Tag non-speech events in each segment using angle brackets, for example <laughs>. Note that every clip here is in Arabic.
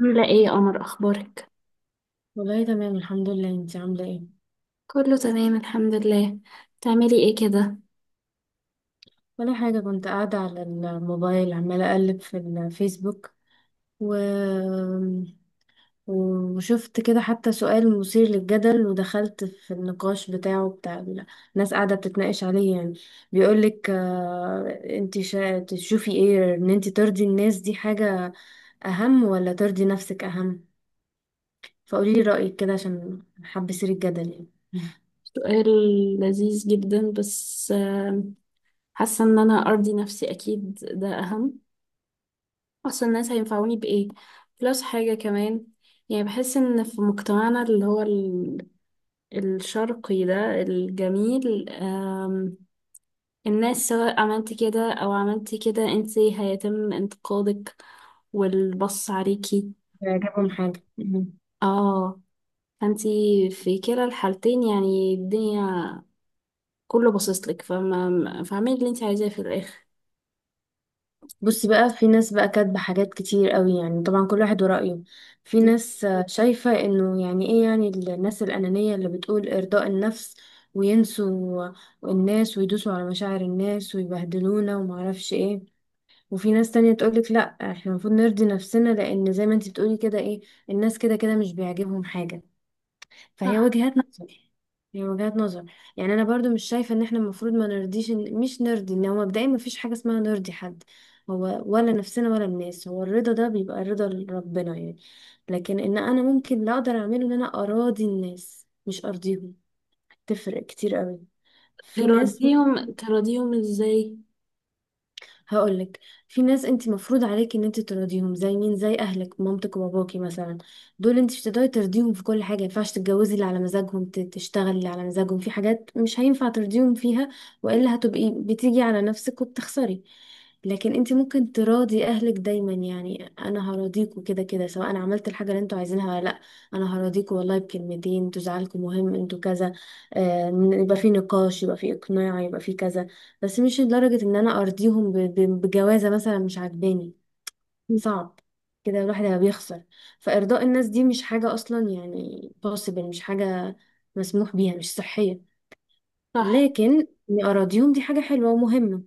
عاملة ايه يا قمر؟ اخبارك. والله تمام الحمد لله، انت عاملة ايه؟ كله تمام الحمد لله. تعملي ايه كده؟ ولا حاجة، كنت قاعدة على الموبايل عمالة اقلب في الفيسبوك. و... وشفت كده حتى سؤال مثير للجدل، ودخلت في النقاش بتاعه الناس قاعدة بتتناقش عليه يعني. بيقولك انت تشوفي ايه، ان انت ترضي الناس دي حاجة اهم ولا ترضي نفسك اهم؟ فقوليلي رأيك كده عشان حابة اثير الجدل يعني. سؤال لذيذ جدا. بس حاسة ان انا ارضي نفسي اكيد ده اهم. اصلا الناس هينفعوني بايه؟ بلس حاجة كمان. يعني بحس ان في مجتمعنا اللي هو الشرقي ده الجميل، الناس سواء عملتي كده او عملتي كده انتي هيتم انتقادك والبص عليكي. يعجبهم حاجة. اه، فانتي في كلا الحالتين يعني الدنيا كله باصص لك، فما فاعملي اللي انت عايزاه في الاخر. بصي بقى، في ناس بقى كاتبة حاجات كتير قوي، يعني طبعا كل واحد ورأيه. في م. ناس شايفة انه يعني ايه، يعني الناس الأنانية اللي بتقول إرضاء النفس، وينسوا الناس ويدوسوا على مشاعر الناس ويبهدلونا ومعرفش ايه. وفي ناس تانية تقولك لا، احنا المفروض نرضي نفسنا، لأن زي ما انتي بتقولي كده ايه، الناس كده كده مش بيعجبهم حاجة. فهي صح. وجهات نظر. هي وجهات نظر. يعني انا برضو مش شايفه ان احنا المفروض ما نرضيش مش نرضي، ان هو مبدئيا ما فيش حاجه اسمها نرضي حد، هو ولا نفسنا ولا الناس. هو الرضا ده بيبقى رضا ربنا يعني. لكن ان انا ممكن لا اقدر اعمله، ان انا اراضي الناس مش ارضيهم. تفرق كتير قوي. في ناس. تراضيهم ازاي؟ هقولك، في ناس انت مفروض عليك ان انت ترضيهم، زي مين؟ زي اهلك، مامتك وباباكي مثلا. دول انت مش هتقدري ترضيهم في كل حاجه، مينفعش تتجوزي اللي على مزاجهم، تشتغلي اللي على مزاجهم، في حاجات مش هينفع ترضيهم فيها، والا هتبقي بتيجي على نفسك وبتخسري. لكن انت ممكن تراضي اهلك دايما. يعني انا هراضيكوا كده كده، سواء انا عملت الحاجه اللي انتوا عايزينها ولا لا. انا هراضيكوا، والله بكلمتين انتوا زعلكم مهم، انتوا كذا. يبقى في نقاش، يبقى في اقناع، يبقى في كذا. بس مش لدرجة ان انا ارضيهم بجوازة مثلا مش عاجباني. م. صعب. كده الواحد هيبقى بيخسر. فارضاء الناس دي مش حاجة اصلا، يعني possible. مش حاجة مسموح بيها، مش صحية. صح. لكن اني اراضيهم، دي حاجة حلوة ومهمة،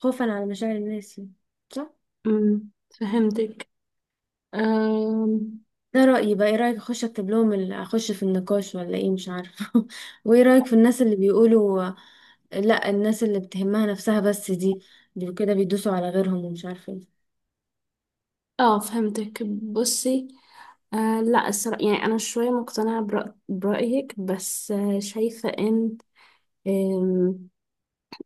خوفا على مشاعر الناس يعني. صح. امم فهمتك. أم، ده رأيي بقى، ايه رأيك؟ اخش اكتب لهم اخش في النقاش ولا ايه، مش عارفة <laughs> وايه رأيك في الناس اللي بيقولوا لا، الناس اللي بتهمها نفسها بس دي، دول كده بيدوسوا على غيرهم ومش عارفة ايه. اه، فهمتك. بصي، لا الصراحة يعني انا شوية مقتنعة برأيك، بس شايفة ان آم،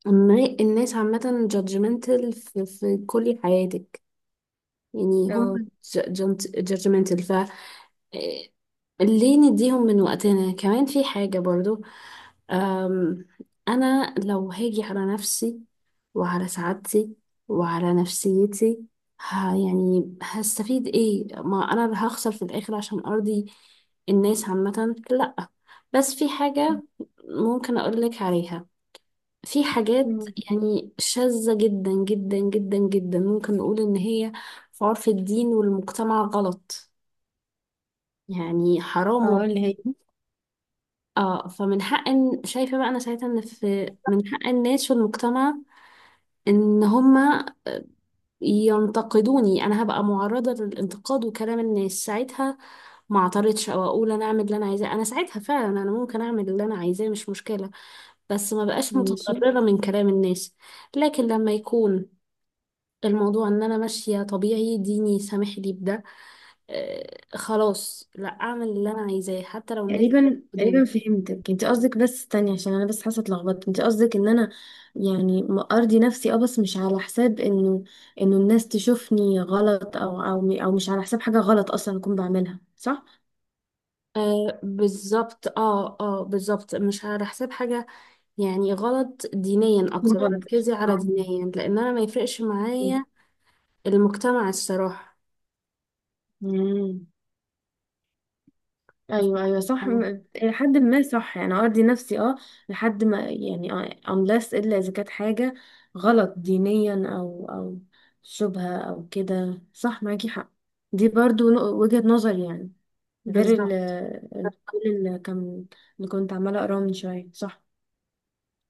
إن الناس عامة judgmental في كل حياتك. يعني هم جادجمنتال. ف إيه، ليه نديهم من وقتنا كمان في حاجة برضو؟ أم، أنا لو هاجي على نفسي وعلى سعادتي وعلى نفسيتي، يعني هستفيد ايه؟ ما أنا اللي هخسر في الآخر عشان أرضي الناس عامة؟ لأ. بس في حاجة ممكن أقولك عليها. في حاجات أو. يعني شاذة جدا جدا جدا جدا، ممكن نقول إن هي في عرف الدين والمجتمع غلط، يعني حرام اه، اللي هي. اه، شايفة بقى أنا ساعتها إن في من حق الناس والمجتمع إن هما ينتقدوني. أنا هبقى معرضة للانتقاد وكلام الناس ساعتها، ما اعترضش أو أقول أنا أعمل اللي أنا عايزاه. أنا ساعتها فعلا أنا ممكن أعمل اللي أنا عايزاه، مش مشكلة. بس ما بقاش ماشي. متضررة من كلام الناس. لكن لما يكون الموضوع ان انا ماشيه طبيعي، ديني سامح لي بده، خلاص لا اعمل اللي انا عايزاه حتى لو الناس تقريبا بدوني. تقريبا فهمتك. انت قصدك، بس استني عشان انا بس حاسه اتلخبطت، انت قصدك ان انا يعني ارضي نفسي اه، بس مش على حساب انه، انه الناس تشوفني غلط، او او مش على حساب حاجه غلط اصلا اكون بعملها، صح؟ آه بالظبط، اه، اه، بالظبط، مش على حساب حاجه يعني غلط دينيا. أكون اكتر غلط. ركزي على دينيا لان انا ما يفرقش معايا المجتمع الصراحه. مم. ايوه ايوه صح، آه، الى حد ما صح، يعني ارضي نفسي اه، لحد ما يعني، unless الا اذا كانت حاجه غلط دينيا او شبهه او كده، صح، معاكي حق. دي برضو وجهه نظر يعني، غير بالظبط. كل اللي كان، اللي كنت عماله اقراه من شويه، صح.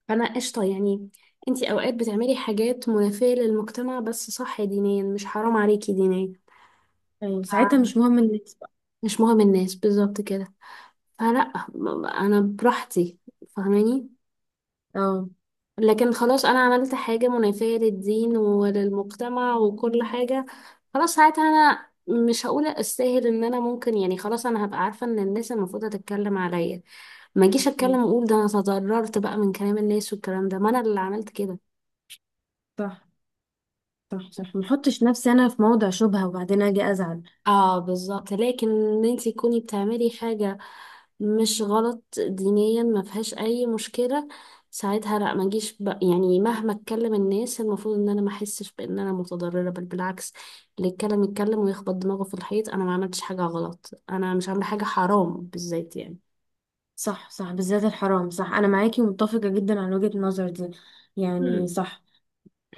فانا قشطه يعني. انتي اوقات بتعملي حاجات منافيه للمجتمع بس صح دينيا مش حرام عليكي دينيا. ايوه، ساعتها آه، مش مهم الناس بقى. مش مهم الناس بالظبط كده. فلا، انا براحتي، فاهماني؟ اه. لكن خلاص انا عملت حاجة منافية للدين وللمجتمع وكل حاجة، خلاص ساعتها انا مش هقول استاهل ان انا ممكن، يعني خلاص انا هبقى عارفة ان الناس المفروض تتكلم عليا. ما اجيش م، اتكلم واقول ده انا تضررت بقى من كلام الناس والكلام ده، ما انا اللي عملت كده. صح صح صح. ما احطش نفسي انا في موضع شبهه وبعدين اجي ازعل. اه بالظبط. لكن ان انت تكوني بتعملي حاجة مش غلط دينيا، ما فيهاش اي مشكلة. ساعتها لا ما اجيش يعني مهما اتكلم الناس المفروض ان انا ما احسش بان انا متضررة، بل بالعكس. اللي يتكلم يتكلم ويخبط دماغه في الحيط. انا ما عملتش حاجة غلط، انا مش عاملة حاجة حرام بالذات يعني. صح صح، بالذات الحرام، صح، انا معاكي ومتفقه جدا على وجهه النظر دي، يعني مم. صح.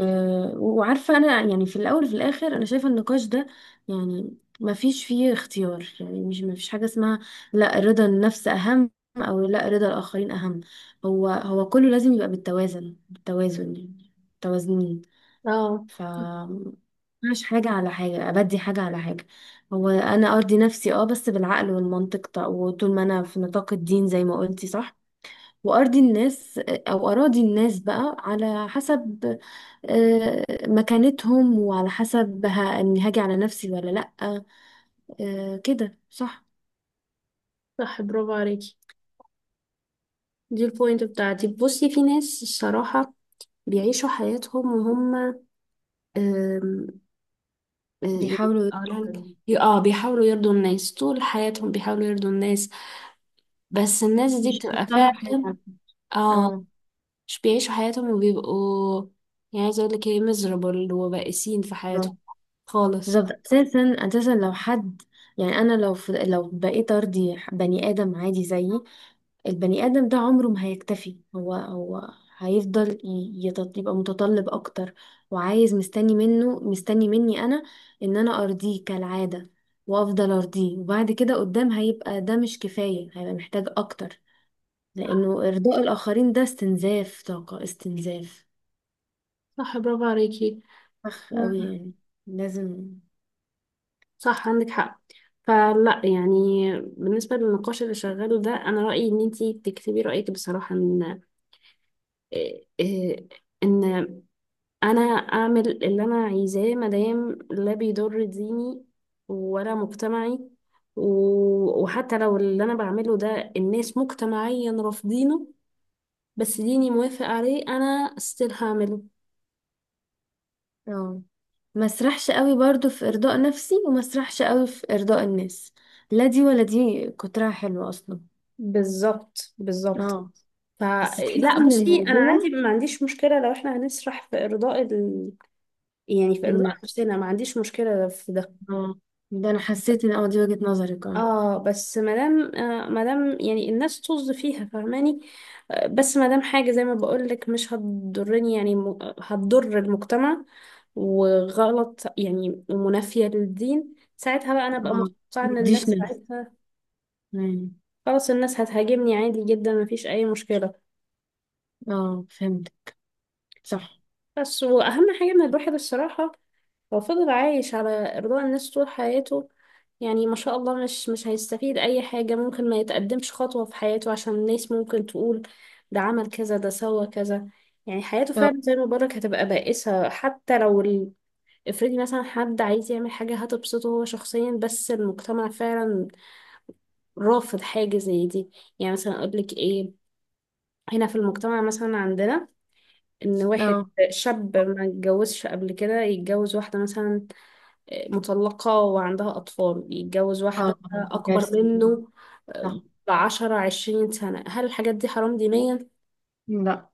أه، وعارفه انا يعني في الاول وفي الاخر انا شايفه النقاش ده يعني ما فيش فيه اختيار، يعني مش ما فيش حاجه اسمها لا رضا النفس اهم او لا رضا الاخرين اهم. هو هو كله لازم يبقى بالتوازن، بالتوازن يعني متوازنين. اه ف مش حاجه على حاجه، ابدي حاجه على حاجه. هو انا ارضي نفسي اه، بس بالعقل والمنطق، طيب، وطول ما انا في نطاق الدين زي ما قلتي صح. وأرضي الناس أو أراضي الناس بقى على حسب مكانتهم، وعلى حسب إني هاجي على نفسي ولا لأ. كده صح. صح، برافو عليكي. دي البوينت بتاعتي. بصي، في ناس الصراحة بيعيشوا حياتهم وهم يعني بيحاولوا يت- اقولها لك، بيحاولوا يرضوا الناس طول حياتهم، بيحاولوا يرضوا الناس. بس الناس دي مش بتبقى يختاروا فعلا، حاجة. اه، اه مش بيعيشوا حياتهم وبيبقوا يعني عايزة اقول لك ايه، miserable وبائسين في بالظبط. حياتهم خالص. بالظبط. أساسا، أساسا لو حد، يعني أنا لو لو بقيت أرضي بني آدم عادي زيي، البني آدم ده عمره ما هيكتفي. هو هو هيفضل يبقى متطلب أكتر، وعايز، مستني منه مستني مني أنا إن أنا أرضيه كالعادة، وأفضل أرضيه، وبعد كده قدام هيبقى ده مش كفاية، هيبقى محتاج أكتر. لأنه إرضاء الآخرين ده استنزاف طاقة، استنزاف، صح، برافو عليكي. <laughs> أخ أوي مم. يعني. لازم. صح عندك حق. فلا يعني بالنسبة للنقاش اللي شغاله ده، أنا رأيي إن أنتي تكتبي رأيك بصراحة، إن إيه- إيه- إن انا اعمل اللي انا عايزاه مادام لا بيضر ديني ولا مجتمعي، وحتى لو اللي انا بعمله ده الناس مجتمعيا رافضينه، بس ديني موافق عليه، انا ستيل هعمله. اه، ما اسرحش قوي برضو في إرضاء نفسي، وما اسرحش قوي في إرضاء الناس. لا دي ولا دي كترها حلوة أصلا. بالظبط بالظبط. اه. بس فلا تحسي ان بصي، انا عندي الموضوع، ما عنديش مشكله لو احنا هنسرح في ارضاء يعني في ارضاء النفس. نفسنا ما عنديش مشكله في ده. اه. ده انا حسيت ان دي وجهة نظرك. اه. اه، بس مادام مادام يعني الناس طز فيها، فاهماني؟ آه بس مادام حاجة زي ما بقولك مش هتضرني، يعني هتضر المجتمع وغلط يعني ومنافية للدين، ساعتها بقى انا بقى اه، متوقعة ان الناس مديش نفس. ساعتها، مم. خلاص، الناس هتهاجمني عادي جدا، مفيش اي مشكلة. اه، فهمت. صح. بس واهم حاجة ان الواحد الصراحة لو فضل عايش على إرضاء الناس طول حياته، يعني ما شاء الله، مش هيستفيد أي حاجة، ممكن ما يتقدمش خطوة في حياته عشان الناس ممكن تقول ده عمل كذا، ده سوى كذا. يعني حياته اه فعلا زي ما بقولك هتبقى بائسة حتى لو افرضي مثلا حد عايز يعمل حاجة هتبسطه هو شخصيا، بس المجتمع فعلا رافض حاجة زي دي. يعني مثلا أقولك إيه، هنا في المجتمع مثلا عندنا إن واحد اه شاب ما اتجوزش قبل كده يتجوز واحدة مثلا مطلقة وعندها أطفال، يتجوز اه، واحدة طبعا دي أكبر كارثة. منه صح. آه، بـ10 20 سنة. هل الحاجات دي حرام دينيا؟ لا.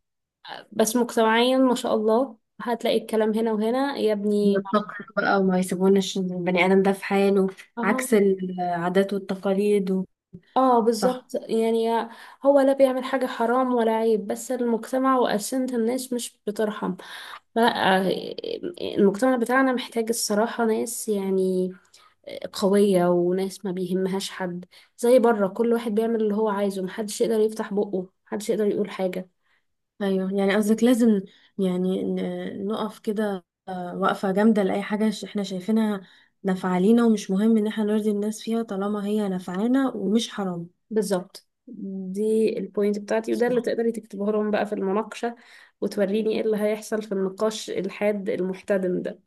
بس مجتمعيا ما شاء الله، هتلاقي الكلام هنا وهنا يا ابني. التقر بقى، وما يسيبوناش البني آدم ده في حاله، اه، عكس العادات والتقاليد. اه، صح. بالظبط يعني. هو لا بيعمل حاجة حرام ولا عيب، بس المجتمع وأسنة الناس مش بترحم. فلا، المجتمع بتاعنا محتاج الصراحة ناس يعني قوية، وناس ما بيهمهاش حد. زي بره، كل واحد بيعمل اللي هو عايزه، محدش يقدر يفتح بقه، محدش يقدر يقول حاجة. ايوه، يعني قصدك لازم يعني نقف كده وقفة جامدة لأي حاجة احنا شايفينها نافعة لينا، ومش مهم ان احنا نرضي الناس فيها طالما هي نافعانا ومش حرام. بالظبط. دي البوينت بتاعتي، وده اللي تقدري تكتبه لهم بقى في المناقشة، وتوريني ايه اللي هيحصل في النقاش الحاد المحتدم ده.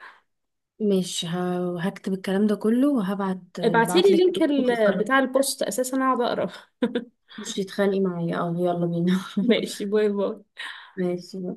مش هكتب الكلام ده كله وهبعت ابعتيلي بعتلك. لينك بتاع البوست، اساسا اقعد اقرا. <laughs> خش تتخانقي معايا، اه يلا بينا <laughs> ماشي، باي باي. ماشي.